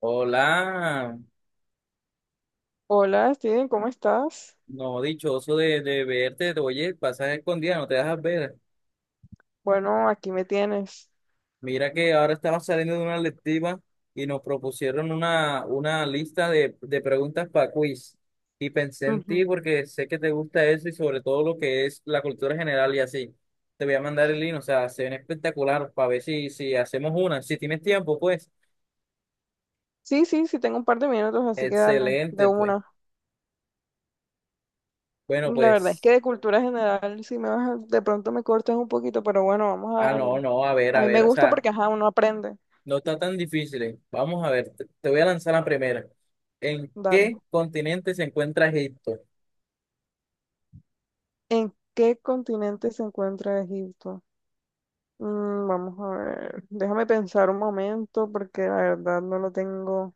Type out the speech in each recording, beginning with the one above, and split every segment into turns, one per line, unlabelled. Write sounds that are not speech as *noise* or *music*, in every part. Hola,
Hola, Steven, ¿cómo estás?
no, dichoso de verte. Oye, pasas escondida, no te dejas ver.
Bueno, aquí me tienes.
Mira que ahora estamos saliendo de una lectiva y nos propusieron una lista de preguntas para quiz. Y pensé en ti
Ujú.
porque sé que te gusta eso y sobre todo lo que es la cultura general y así. Te voy a mandar el link, o sea, se ven espectacular para ver si hacemos una. Si tienes tiempo, pues,
Sí, sí, sí, tengo un par de minutos, así que dale, de
excelente, pues.
una.
Bueno,
La verdad es
pues,
que de cultura general, si me vas a- de pronto me cortas un poquito, pero bueno, vamos a
ah, no,
darle.
no,
A
a
mí me
ver, o
gusta
sea.
porque, ajá, uno aprende.
No está tan difícil. Vamos a ver, te voy a lanzar la primera. ¿En
Dale.
qué continente se encuentra Egipto?
¿En qué continente se encuentra Egipto? Vamos a ver, déjame pensar un momento porque la verdad no lo tengo.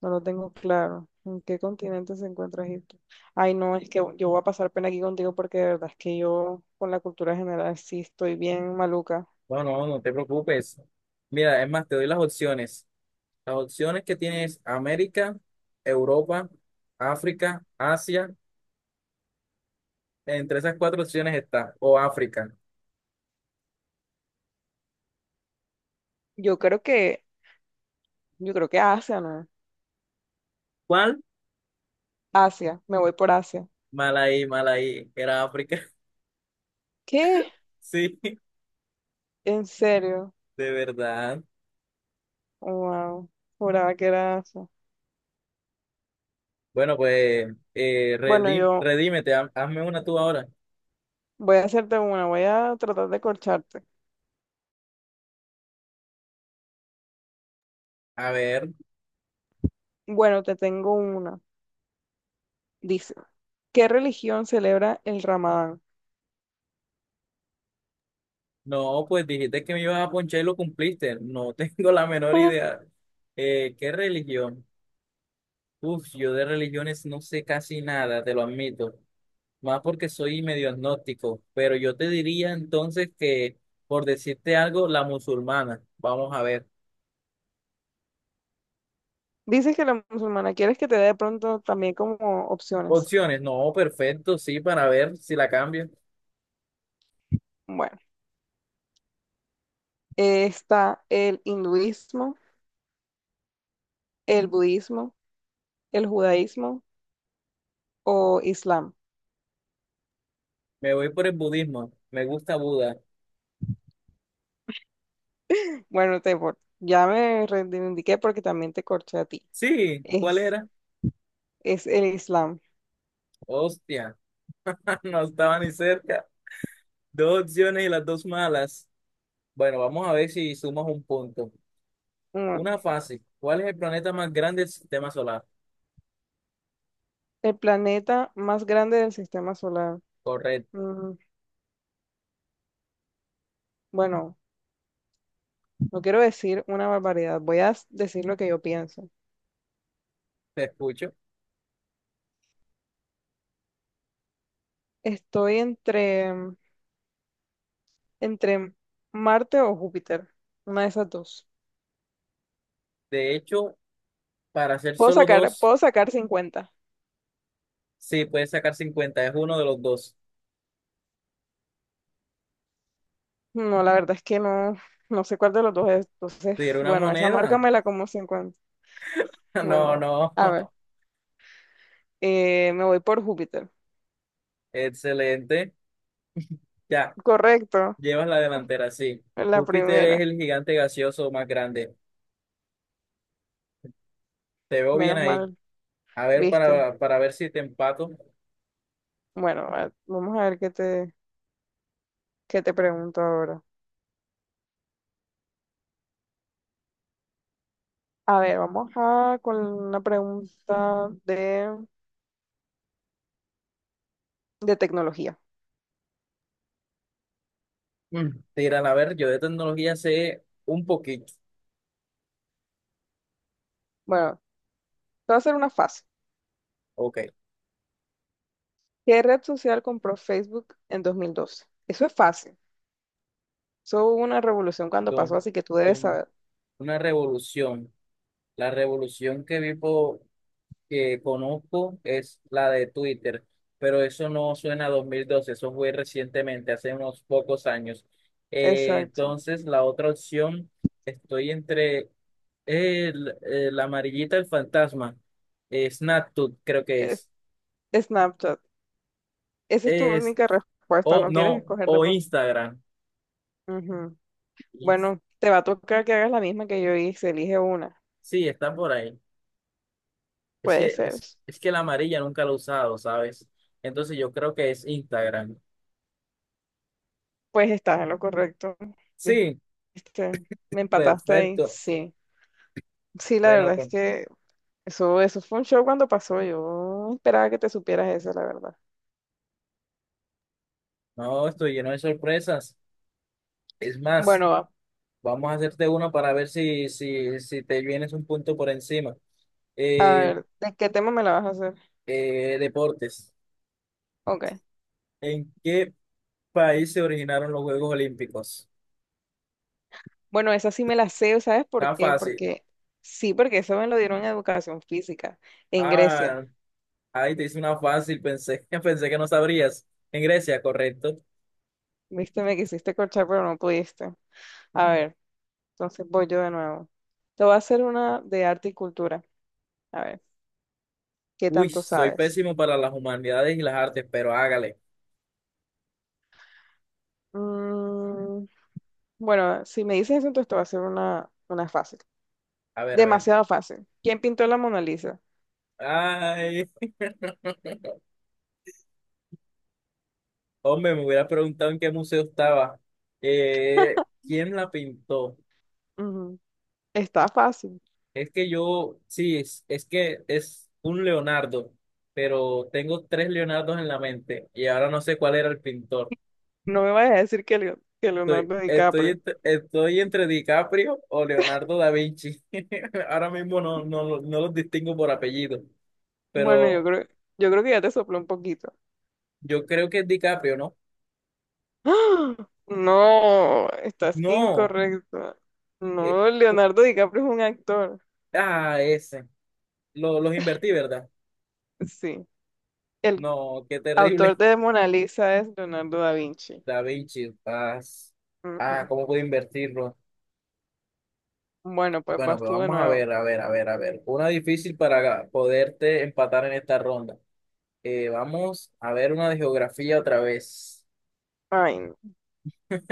No lo tengo claro. ¿En qué continente se encuentra Egipto? Ay, no, es que yo voy a pasar pena aquí contigo porque de verdad es que yo con la cultura general sí estoy bien maluca.
No, no, no te preocupes. Mira, es más, te doy las opciones. Las opciones que tienes: América, Europa, África, Asia. Entre esas cuatro opciones está, o África.
Yo creo que, yo creo que Asia, ¿no?
¿Cuál?
Asia, me voy por Asia.
Mal ahí, mal ahí. Era África. *laughs*
¿Qué?
Sí,
¿En serio?
de verdad.
Wow, juraba que era Asia.
Bueno, pues,
Bueno, yo
redímete, hazme una tú ahora.
voy a hacerte una, voy a tratar de corcharte.
A ver.
Bueno, te tengo una. Dice, ¿qué religión celebra el Ramadán?
No, pues dijiste que me ibas a ponchar y lo cumpliste. No *laughs* tengo la menor
*laughs*
idea. ¿Qué religión? Uf, yo de religiones no sé casi nada, te lo admito. Más porque soy medio agnóstico. Pero yo te diría entonces que, por decirte algo, la musulmana. Vamos a ver.
Dices que la musulmana, ¿quieres que te dé de pronto también como opciones?
Opciones. No, perfecto, sí, para ver si la cambio.
Bueno, está el hinduismo, el budismo, el judaísmo o islam.
Me voy por el budismo. Me gusta Buda.
Bueno, ya me reivindiqué porque también te corché a ti.
Sí, ¿cuál
Es,
era?
es el islam.
Hostia, *laughs* no estaba ni cerca. Dos opciones y las dos malas. Bueno, vamos a ver si sumas un punto.
Bueno,
Una fácil. ¿Cuál es el planeta más grande del sistema solar?
el planeta más grande del sistema solar.
Correcto,
Mm, bueno, no quiero decir una barbaridad, decir lo que yo pienso.
*laughs* te escucho.
Estoy entre, entre Marte o Júpiter, una de esas dos.
De hecho, para hacer solo dos,
Puedo sacar cincuenta.
sí, puedes sacar 50 es uno de los dos.
No, la verdad es que no, no sé cuál de los dos es. Entonces,
¿Te dieron una
bueno, esa marca
moneda?
me la
*laughs*
como cincuenta.
No,
Bueno,
no.
a ver, me voy por Júpiter.
*laughs* Excelente. Ya,
Correcto,
llevas la delantera, sí.
la
Júpiter es
primera.
el gigante gaseoso más grande. Te veo bien
Menos
ahí.
mal,
A ver,
viste.
para ver si te empato.
Bueno, vamos a ver qué te pregunto ahora. A ver, vamos a con una pregunta de tecnología.
Mm, Tiran, a ver, yo de tecnología sé un poquito.
Bueno, te voy a hacer una fácil.
Ok,
¿Qué red social compró Facebook en 2012? Eso es fácil. Eso hubo una revolución cuando pasó,
tú,
así que tú debes
tú.
saber.
Una revolución. La revolución que vivo, que conozco es la de Twitter, pero eso no suena a 2012, eso fue recientemente, hace unos pocos años.
Exacto.
Entonces, la otra opción, estoy entre la amarillita el fantasma, Snapchat, creo que
Es-
es.
Snapchat. Esa es tu
Es,
única respuesta.
o
No quieres
no,
escoger de
o
pronto.
Instagram.
Ujú.
Ins-
Bueno, te va a tocar que hagas la misma que yo hice. Elige una.
Sí, está por ahí. Es
Puede
que,
ser.
es que la amarilla nunca la he usado, ¿sabes? Entonces yo creo que es Instagram.
Pues estás en lo correcto. Viste,
Sí,
me empataste ahí.
perfecto.
Sí. Sí, la
Bueno,
verdad es
pues
que eso fue un show cuando pasó. Yo esperaba que te supieras eso, la verdad.
no, estoy lleno de sorpresas. Es más,
Bueno, va.
vamos a hacerte uno para ver si te vienes un punto por encima.
A
Eh,
ver, ¿de qué tema me la vas a hacer?
deportes.
Ok.
¿En qué país se originaron los Juegos Olímpicos?
Bueno, esa sí me la sé, ¿sabes por
Está
qué?
fácil.
Porque sí, porque eso me lo dieron en educación física en Grecia.
Ah, ahí te hice una fácil, pensé, *laughs* pensé que no sabrías. En Grecia, correcto.
Viste, me quisiste corchar, pero no pudiste. A ver, entonces voy yo de nuevo. Te voy a hacer una de arte y cultura. A ver, ¿qué
Uy,
tanto
soy
sabes?
pésimo para las humanidades y las artes, pero hágale.
Mm, bueno, si me dices eso, entonces te voy a hacer una fácil.
A ver, a ver.
Demasiado fácil. ¿Quién pintó la Mona Lisa?
Ay, hombre, me hubiera preguntado en qué museo estaba. Eh, ¿Quién la pintó?
Ujú, está fácil.
Es que yo, sí, es que es un Leonardo, pero tengo tres Leonardos en la mente y ahora no sé cuál era el pintor.
No me vayas a decir que, que Leonardo DiCaprio.
Estoy entre DiCaprio o Leonardo da Vinci. *laughs* Ahora mismo no los distingo por apellido,
Bueno,
pero
yo creo que ya te sopló un poquito.
yo creo que es DiCaprio, ¿no?
*gasps* ¡Ah! No, estás
No.
incorrecto.
Eh,
No, Leonardo DiCaprio es un actor.
ah, ese. Los invertí, ¿verdad?
Sí, el
No, qué
autor
terrible. *laughs*
de Mona Lisa es Leonardo da Vinci.
Da Vinci, ah, ah,
Ujú.
¿cómo pude invertirlo?
Bueno, pues
Bueno,
vas
pues
tú de
vamos a
nuevo.
ver, a ver. Una difícil para poderte empatar en esta ronda. Vamos a ver una de geografía otra vez.
Ay, no,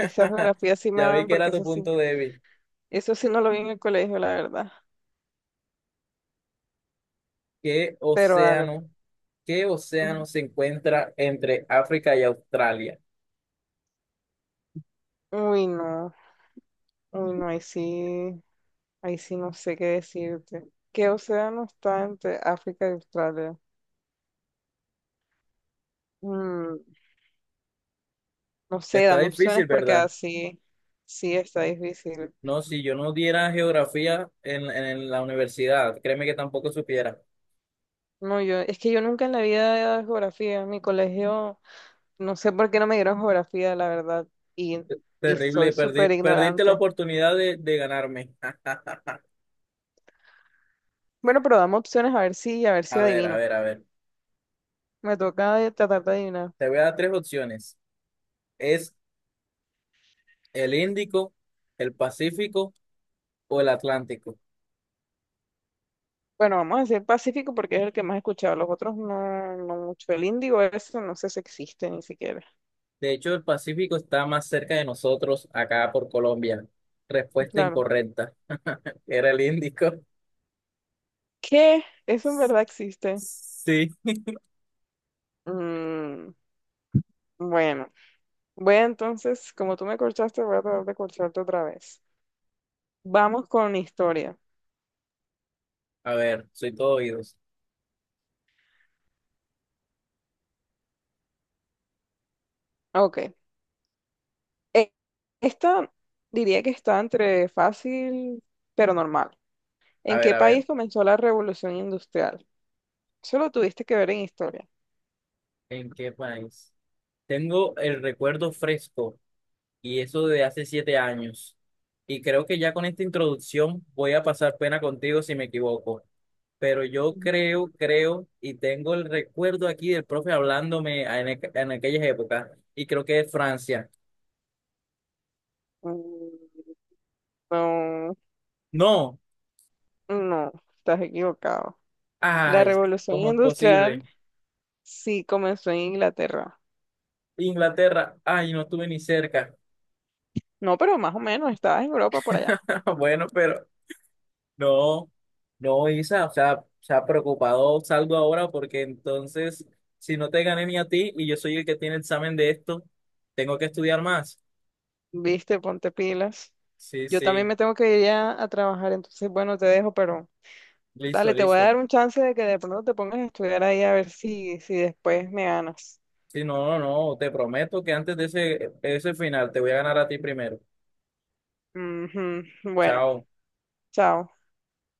esas geografías sí me
Ya vi
van
que era
porque
tu punto débil.
eso sí no lo vi en el colegio, la verdad.
¿Qué
Pero dale, pues.
océano, ¿qué océano
Ujú.
se encuentra entre África y Australia?
Uy, no, uy, no, ahí sí no sé qué decirte. ¿Qué océano está entre África y Australia? Mm, No sé,
Está
dame
difícil,
opciones porque
¿verdad?
así sí está difícil.
No, si yo no diera geografía en la universidad, créeme que tampoco supiera.
No, yo, es que yo nunca en la vida he dado geografía. En mi colegio, no sé por qué no me dieron geografía, la verdad. Y, y soy
Terrible, perdí,
súper
perdiste la
ignorante.
oportunidad de ganarme.
Bueno, pero dame opciones a ver si
A ver, a
adivino.
ver, a ver.
Me toca tratar de adivinar.
Te voy a dar tres opciones. Es el Índico, el Pacífico o el Atlántico.
Bueno, vamos a decir Pacífico porque es el que más he escuchado. Los otros no, no mucho. El Índigo, eso no sé si existe ni siquiera.
De hecho, el Pacífico está más cerca de nosotros acá por Colombia. Respuesta
Claro.
incorrecta. Era el Índico.
¿Qué? ¿Eso en verdad existe?
*laughs* Sí.
Mm, bueno. Voy a entonces, como tú me corchaste, voy a tratar de corcharte otra vez. Vamos con historia.
A ver, soy todo oídos.
Ok. E- Esta diría que está entre fácil pero normal.
A
¿En
ver,
qué
a
país
ver.
comenzó la revolución industrial? Solo tuviste que ver en historia.
¿En qué país? Tengo el recuerdo fresco y eso de hace 7 años. Y creo que ya con esta introducción voy a pasar pena contigo si me equivoco. Pero creo, y tengo el recuerdo aquí del profe hablándome en, en aquellas épocas, y creo que es Francia.
Mm, No,
No,
no, estás equivocado. La
ay,
revolución
¿cómo es
industrial
posible?
sí comenzó en Inglaterra.
Inglaterra, ay, no estuve ni cerca.
No, pero más o menos, estabas en Europa por allá.
*laughs* Bueno, pero no, no, Isa, o sea, sea preocupado salgo ahora porque entonces, si no te gané ni a ti y yo soy el que tiene el examen de esto, tengo que estudiar más.
Viste, ponte pilas.
Sí,
Yo también
sí,
me tengo que ir ya a trabajar, entonces bueno, te dejo, pero
Listo,
dale, te voy a
listo.
dar un chance de que de pronto te pongas a estudiar ahí a ver si, si después me ganas.
Sí, no, no, no, te prometo que antes de ese final te voy a ganar a ti primero.
Ujú, bueno,
Chao.
chao.